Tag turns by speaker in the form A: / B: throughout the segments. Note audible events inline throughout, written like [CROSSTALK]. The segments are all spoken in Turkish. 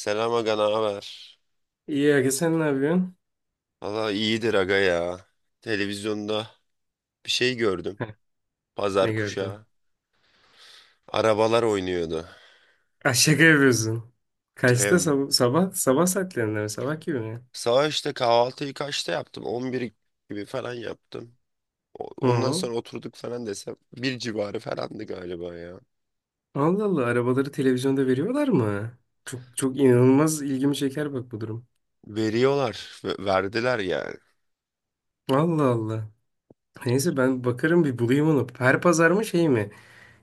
A: Selam aga, ne haber?
B: İyi Aga, sen ne yapıyorsun?
A: Valla iyidir aga ya. Televizyonda bir şey gördüm.
B: Heh, ne
A: Pazar
B: gördün?
A: kuşağı. Arabalar oynuyordu.
B: Ah, şaka yapıyorsun. Kaçta
A: Em,
B: sabah? Sabah saatlerinde mi? Sabah gibi mi?
A: Sabah işte kahvaltıyı kaçta yaptım? 11 gibi falan yaptım. Ondan
B: Hı.
A: sonra oturduk falan desem. Bir civarı falandı galiba ya.
B: Allah Allah, arabaları televizyonda veriyorlar mı? Çok çok inanılmaz ilgimi çeker bak bu durum.
A: Veriyorlar. Verdiler yani.
B: Allah Allah. Neyse, ben bakarım bir bulayım onu. Her pazar mı şey mi?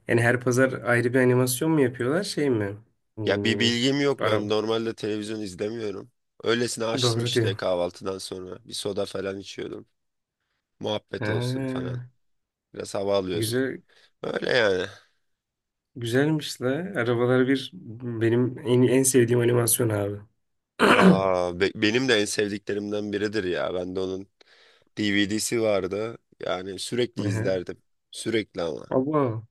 B: Yani her pazar ayrı bir animasyon mu yapıyorlar şey mi?
A: Ya bir
B: Hmm,
A: bilgim yok. Ben
B: araba.
A: normalde televizyon izlemiyorum. Öylesine açtım
B: Doğru
A: işte
B: diyorsun.
A: kahvaltıdan sonra. Bir soda falan içiyordum. Muhabbet olsun falan.
B: Ha,
A: Biraz hava alıyordum.
B: güzel,
A: Öyle yani.
B: güzelmiş la. Arabalar Bir benim en sevdiğim animasyon abi. [CLEARS THROAT]
A: Aa, benim de en sevdiklerimden biridir ya. Ben de onun DVD'si vardı. Yani sürekli
B: Aha.
A: izlerdim. Sürekli ama.
B: Abo.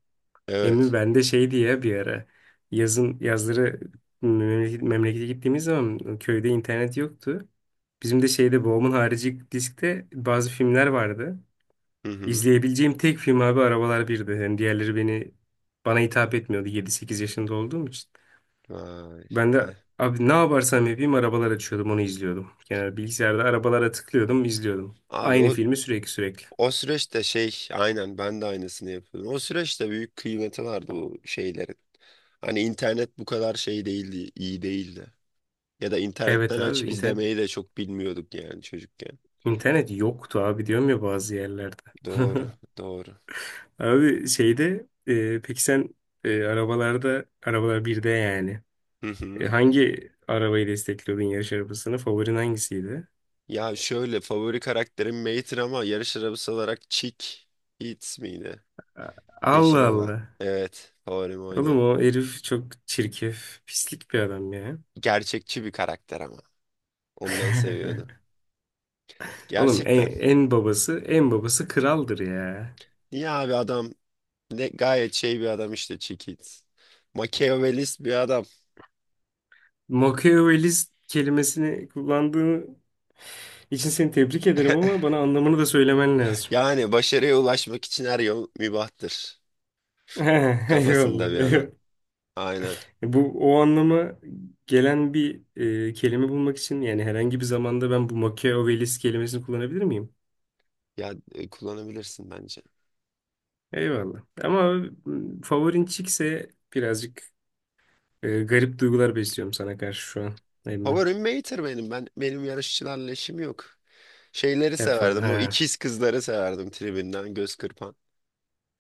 B: Emin,
A: Evet.
B: ben de şey diye bir ara yazın, yazları memlekete gittiğimiz zaman köyde internet yoktu. Bizim de şeyde, babamın harici diskte bazı filmler vardı.
A: Hı hı.
B: İzleyebileceğim tek film abi Arabalar Bir'di. Yani diğerleri beni, bana hitap etmiyordu, 7-8 yaşında olduğum için.
A: Vay,
B: Ben de
A: vay.
B: abi, ne yaparsam yapayım arabalar açıyordum, onu izliyordum. Genel bilgisayarda arabalara tıklıyordum, izliyordum.
A: Abi o
B: Aynı filmi sürekli sürekli.
A: o süreçte şey aynen ben de aynısını yapıyordum. O süreçte büyük kıymeti vardı bu şeylerin. Hani internet bu kadar şey değildi, iyi değildi. Ya da
B: Evet
A: internetten
B: abi,
A: açıp izlemeyi de çok bilmiyorduk yani çocukken.
B: İnternet yoktu abi, diyorum ya, bazı yerlerde.
A: Doğru,
B: [LAUGHS]
A: doğru.
B: Abi şeyde, peki sen, arabalar birde yani,
A: Hı hı.
B: Hangi arabayı destekliyordun, yarış arabasını? Favorin hangisiydi?
A: Ya şöyle favori karakterim Mater ama yarış arabası olarak Chick Hits miydi?
B: A-
A: Yeşil
B: Allah
A: olan.
B: Allah.
A: Evet favorim
B: Oğlum
A: oydu.
B: o herif çok çirkef, pislik bir adam ya.
A: Gerçekçi bir karakter ama. Ondan seviyordum.
B: [LAUGHS] Oğlum en,
A: Gerçekten.
B: en babası, en babası kraldır ya.
A: Niye abi adam ne gayet şey bir adam işte Chick Hits. Machiavellist bir adam.
B: Machiavellist kelimesini kullandığın için seni tebrik ederim ama bana anlamını da söylemen lazım.
A: Yani başarıya ulaşmak için her yol mübahtır.
B: [LAUGHS]
A: Kafasında bir
B: Eyvallah.
A: adam. Aynen.
B: Bu o anlama gelen bir kelime bulmak için, yani herhangi bir zamanda ben bu Machiavellist kelimesini kullanabilir miyim?
A: Kullanabilirsin bence.
B: Eyvallah. Ama favorin Chick'se birazcık garip duygular besliyorum sana karşı şu an. Emmi.
A: Favorim Mater benim. Ben benim yarışçılarla işim yok. Şeyleri
B: Yap falan.
A: severdim. O
B: Ha.
A: ikiz kızları severdim tribünden göz kırpan.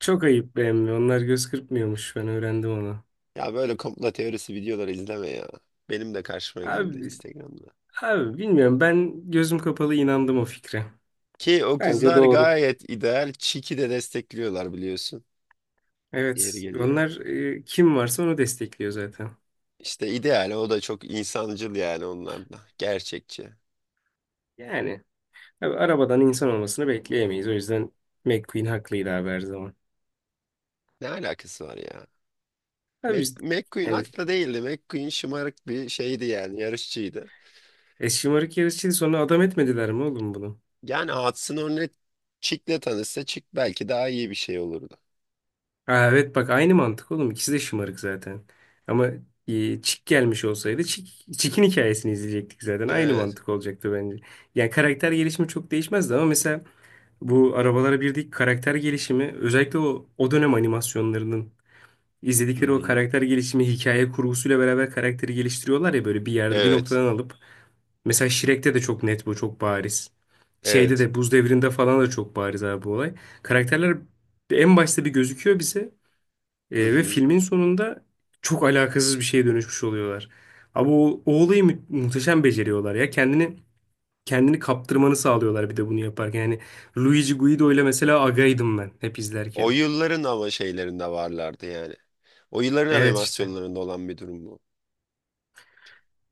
B: Çok ayıp be emmi. Onlar göz kırpmıyormuş. Ben öğrendim onu.
A: Ya böyle komplo teorisi videoları izleme ya. Benim de karşıma geldi
B: Abi,
A: Instagram'da.
B: abi bilmiyorum. Ben gözüm kapalı inandım o fikre.
A: Ki o
B: Bence
A: kızlar
B: doğru.
A: gayet ideal. Çiki de destekliyorlar biliyorsun. Yeri
B: Evet.
A: geliyor.
B: Onlar kim varsa onu destekliyor zaten.
A: İşte ideal o da çok insancıl yani onlar da. Gerçekçi.
B: Yani. Abi, arabadan insan olmasını bekleyemeyiz. O yüzden McQueen haklıydı abi, her zaman.
A: Ne alakası var ya?
B: Abi biz-
A: McQueen
B: yani
A: haklı değildi. McQueen şımarık bir şeydi yani yarışçıydı.
B: şımarık yarışçıydı, sonra adam etmediler mi oğlum bunu?
A: Yani Hudson Hornet Chick'le tanışsa Chick belki daha iyi bir şey olurdu.
B: Aa, evet bak, aynı mantık oğlum. İkisi de şımarık zaten. Ama Chick gelmiş olsaydı Chick'in hikayesini izleyecektik zaten. Aynı
A: Evet.
B: mantık olacaktı bence. Yani karakter gelişimi çok değişmezdi ama mesela bu arabalara birdeki karakter gelişimi, özellikle o dönem animasyonlarının
A: Hı
B: izledikleri o
A: hı.
B: karakter gelişimi, hikaye kurgusuyla beraber karakteri geliştiriyorlar ya, böyle bir yerde bir
A: Evet.
B: noktadan alıp. Mesela Shrek'te de çok net bu, çok bariz. Şeyde
A: Evet.
B: de, Buz Devri'nde falan da çok bariz abi bu olay. Karakterler en başta bir gözüküyor bize,
A: Hı
B: ve
A: hı.
B: filmin sonunda çok alakasız bir şeye dönüşmüş oluyorlar. Ama o olayı muhteşem beceriyorlar ya. Kendini kaptırmanı sağlıyorlar bir de bunu yaparken. Yani Luigi Guido ile mesela agaydım ben hep
A: O
B: izlerken.
A: yılların ama şeylerinde varlardı yani. O yılların
B: Evet işte.
A: animasyonlarında olan bir durum bu.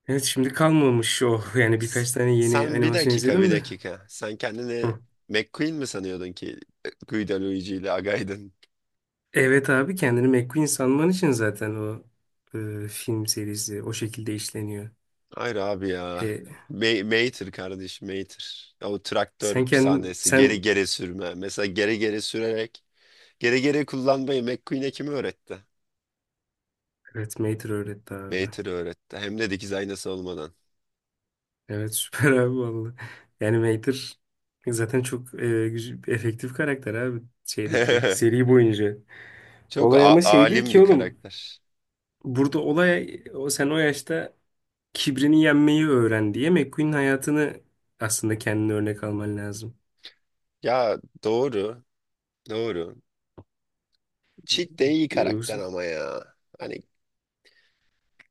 B: Evet şimdi kalmamış o. Yani
A: S-
B: birkaç tane yeni
A: Sen bir
B: animasyon
A: dakika bir
B: izledim de.
A: dakika. Sen kendini
B: Hı.
A: McQueen mi sanıyordun ki Guido Luigi ile Agaydın?
B: Evet abi, kendini McQueen sanman için zaten o film serisi o şekilde işleniyor.
A: Hayır abi ya.
B: E,
A: Mater kardeş Mater. O traktör sahnesi geri
B: sen,
A: geri sürme. Mesela geri geri sürerek geri geri kullanmayı McQueen'e kim öğretti?
B: evet, Mater öğretti abi.
A: Mater öğretti. Hem de dikiz aynası olmadan.
B: Evet, süper [LAUGHS] abi, vallahi. Yani Mater zaten çok efektif karakter abi şeydeki,
A: [LAUGHS]
B: seri boyunca.
A: Çok
B: Olay ama şey değil
A: alim
B: ki
A: bir
B: oğlum.
A: karakter.
B: Burada olay, o sen o yaşta kibrini yenmeyi öğren diye McQueen'in hayatını aslında kendine örnek alman lazım.
A: Ya doğru, doğru. Cheat de iyi karakter
B: Yoksa
A: ama ya. Hani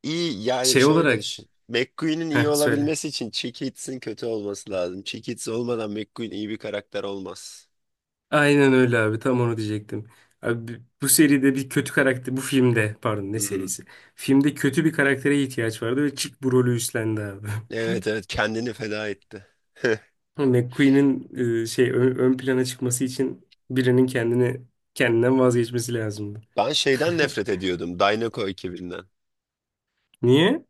A: iyi yani
B: şey
A: şöyle
B: olarak.
A: düşün. McQueen'in iyi
B: Heh, söyle.
A: olabilmesi için Cheekitz'in kötü olması lazım. Cheekitz olmadan McQueen iyi bir karakter olmaz.
B: Aynen öyle abi. Tam onu diyecektim. Abi bu seride bir kötü karakter, bu filmde pardon, ne
A: Hı hı.
B: serisi? Filmde kötü bir karaktere ihtiyaç vardı ve Chick bu rolü üstlendi abi. [LAUGHS]
A: Evet, evet, kendini feda etti. [LAUGHS]
B: McQueen'in şey ön plana çıkması için birinin kendinden vazgeçmesi lazımdı.
A: Ben şeyden nefret
B: [LAUGHS]
A: ediyordum Dynaco ekibinden.
B: Niye?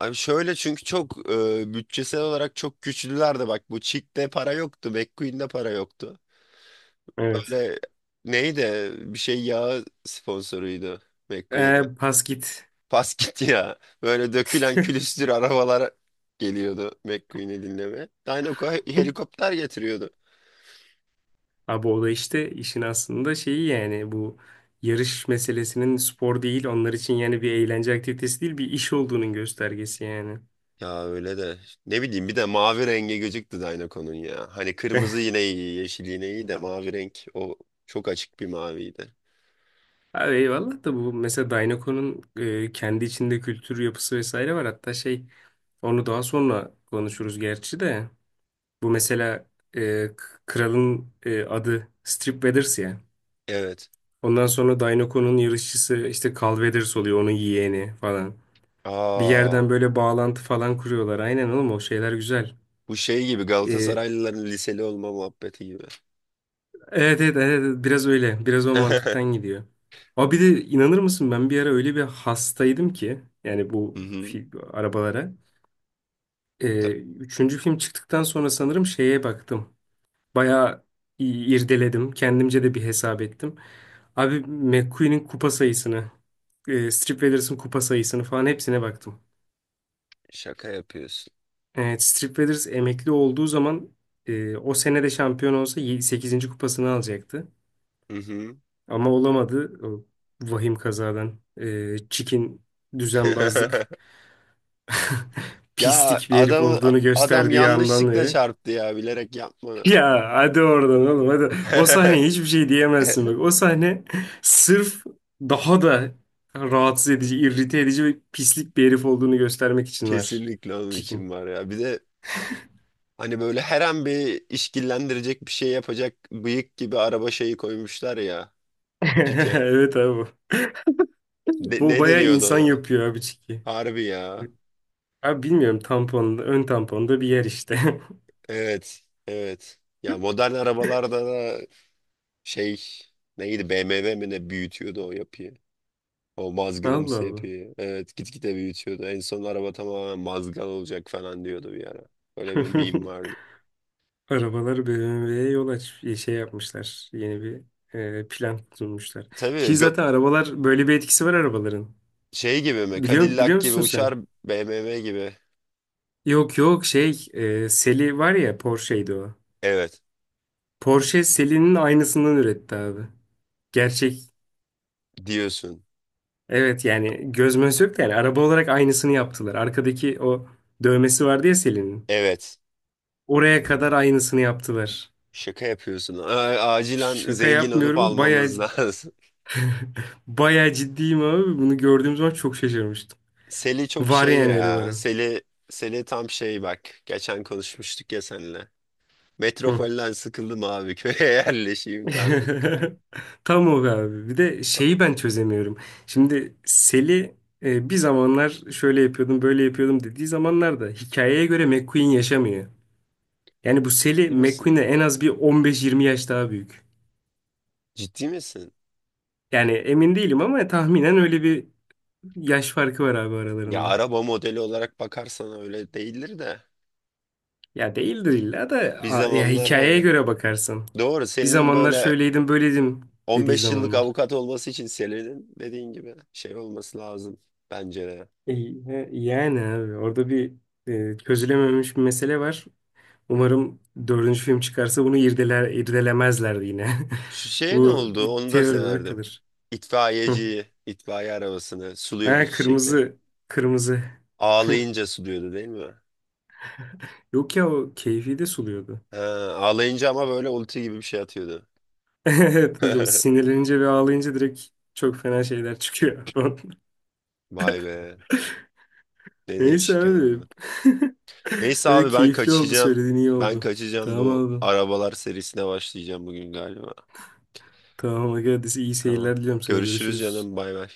A: Abi şöyle çünkü çok bütçesel olarak çok güçlülerdi bak bu Chick'te para yoktu, McQueen'de para yoktu.
B: Evet.
A: Böyle neydi bir şey yağı sponsoruydu McQueen'e.
B: Pas git.
A: Pas gitti ya. Böyle dökülen külüstür arabalar geliyordu McQueen'i dinleme. Dinoco
B: [LAUGHS]
A: helikopter getiriyordu.
B: Abi o da işte işin aslında şeyi, yani bu yarış meselesinin spor değil onlar için, yani bir eğlence aktivitesi değil bir iş olduğunun göstergesi yani.
A: Ya öyle de ne bileyim bir de mavi rengi gözüktü Dinoco'nun ya. Hani kırmızı yine iyi, yeşil yine iyi de mavi renk o çok açık bir maviydi.
B: Abi eyvallah da, bu mesela Dynaco'nun kendi içinde kültür yapısı vesaire var. Hatta şey, onu daha sonra konuşuruz gerçi de. Bu mesela kralın adı Strip Weathers ya.
A: Evet.
B: Ondan sonra Dynaco'nun yarışçısı işte Carl Weathers oluyor, onun yeğeni falan. Bir
A: Aa,
B: yerden böyle bağlantı falan kuruyorlar. Aynen oğlum, o şeyler güzel.
A: bu şey gibi
B: Evet,
A: Galatasaraylıların liseli olma muhabbeti gibi.
B: evet evet evet, biraz öyle. Biraz o mantıktan
A: [LAUGHS]
B: gidiyor. Abi bir de inanır mısın, ben bir ara öyle bir hastaydım ki yani,
A: Hı hı.
B: arabalara. Ee,
A: Ta-
B: üçüncü film çıktıktan sonra sanırım şeye baktım. Bayağı i- irdeledim. Kendimce de bir hesap ettim. Abi McQueen'in kupa sayısını, Strip Withers'ın kupa sayısını falan, hepsine baktım.
A: Şaka yapıyorsun.
B: Evet, Strip Withers emekli olduğu zaman, o sene de şampiyon olsa sekizinci kupasını alacaktı.
A: Hı hı.
B: Ama olamadı. O vahim kazadan. Çikin düzenbazlık,
A: [LAUGHS] Ya
B: pislik bir herif
A: adam
B: olduğunu
A: adam
B: gösterdiği andan
A: yanlışlıkla
B: beri.
A: çarptı ya bilerek yapmadı.
B: Ya hadi oradan oğlum, hadi. O sahneye
A: [LAUGHS]
B: hiçbir şey diyemezsin bak. O sahne sırf daha da rahatsız edici, irrite edici ve pislik bir herif olduğunu göstermek için var.
A: Kesinlikle onun
B: Çikin.
A: için var ya. Bir de hani böyle her an bir işkillendirecek bir şey yapacak bıyık gibi araba şeyi koymuşlar ya.
B: [LAUGHS]
A: Cike.
B: Evet abi.
A: Ne,
B: Bu
A: ne
B: bayağı
A: deniyordu
B: insan
A: ona?
B: yapıyor abi, Çiki.
A: Harbi ya.
B: Abi bilmiyorum, tampon, ön tamponda bir yer işte. [LAUGHS]
A: Evet. Evet. Ya modern arabalarda da şey neydi BMW mi ne büyütüyordu o yapıyı. O
B: Allah
A: mazgalımsı
B: Allah.
A: yapıyı. Evet gitgide büyütüyordu. En son araba tamamen mazgal olacak falan diyordu bir ara. Öyle bir meme
B: [LAUGHS]
A: vardı.
B: Arabalar BMW'ye yol aç şey yapmışlar. Yeni bir plan sunmuşlar.
A: Tabii
B: Ki
A: gö-
B: zaten arabalar böyle bir etkisi var arabaların.
A: Şey gibi mi?
B: Biliyor
A: Cadillac gibi
B: musun
A: uçar
B: sen?
A: BMW gibi.
B: Yok yok, şey, Seli var ya, Porsche'ydi o.
A: Evet
B: Porsche Seli'nin aynısından üretti abi. Gerçek,
A: diyorsun.
B: evet, yani göz möz yok da, yani araba olarak aynısını yaptılar. Arkadaki o dövmesi vardı ya Seli'nin.
A: Evet.
B: Oraya kadar aynısını yaptılar.
A: Şaka yapıyorsun. Acilen
B: Şaka
A: zengin olup
B: yapmıyorum, bayağı
A: almamız lazım. [LAUGHS]
B: [LAUGHS] bayağı ciddiyim abi. Bunu gördüğüm zaman çok şaşırmıştım.
A: Seli çok
B: Var
A: şey
B: yani, öyle
A: ya.
B: var.
A: Seli tam şey bak. Geçen konuşmuştuk ya seninle. Metropolden sıkıldım abi köye [LAUGHS] yerleşeyim tarzı bir
B: [LAUGHS]
A: karakter.
B: Tam o abi. Bir de şeyi ben çözemiyorum. Şimdi Sel'i bir zamanlar şöyle yapıyordum, böyle yapıyordum dediği zamanlarda hikayeye göre McQueen yaşamıyor. Yani bu Sel'i,
A: Ciddi misin?
B: McQueen'e en az bir 15-20 yaş daha büyük.
A: Ciddi misin?
B: Yani emin değilim ama tahminen öyle bir yaş farkı var abi
A: Ya
B: aralarında.
A: araba modeli olarak bakarsan öyle değildir de.
B: Ya değildir illa da,
A: Bir
B: ya
A: zamanlar
B: hikayeye
A: hani
B: göre bakarsan.
A: doğru
B: Bir
A: senin
B: zamanlar
A: böyle
B: şöyleydim, böyleydim dediği
A: 15 yıllık
B: zamanlar.
A: avukat olması için senin dediğin gibi şey olması lazım bence de.
B: E, he, Yani abi orada bir çözülememiş bir mesele var. Umarım dördüncü film çıkarsa bunu irdeler, irdelemezler yine. [LAUGHS]
A: Şu şeye ne
B: Bu
A: oldu?
B: bir
A: Onu da
B: teori olarak
A: severdim.
B: kalır. Hı.
A: İtfaiyeciyi, itfaiye arabasını suluyordu
B: Ha,
A: çiçekler.
B: kırmızı. Kırmızı. [LAUGHS]
A: Ağlayınca suluyordu değil mi?
B: Yok ya, o keyfi de suluyordu.
A: Ha, ağlayınca ama böyle ulti gibi bir şey atıyordu.
B: [LAUGHS] Evet, o
A: [LAUGHS]
B: sinirlenince ve ağlayınca direkt çok fena şeyler çıkıyor. [LAUGHS]
A: Vay be. Ne
B: Neyse
A: değişik
B: abi.
A: adamlar.
B: [LAUGHS]
A: Neyse
B: Öyle
A: abi ben
B: keyifli oldu,
A: kaçacağım.
B: söylediğin iyi
A: Ben
B: oldu.
A: kaçacağım
B: Tamam
A: bu
B: abi.
A: arabalar serisine başlayacağım bugün galiba.
B: Tamam arkadaşlar, iyi
A: Tamam.
B: seyirler diliyorum sana.
A: Görüşürüz
B: Görüşürüz.
A: canım bay bay.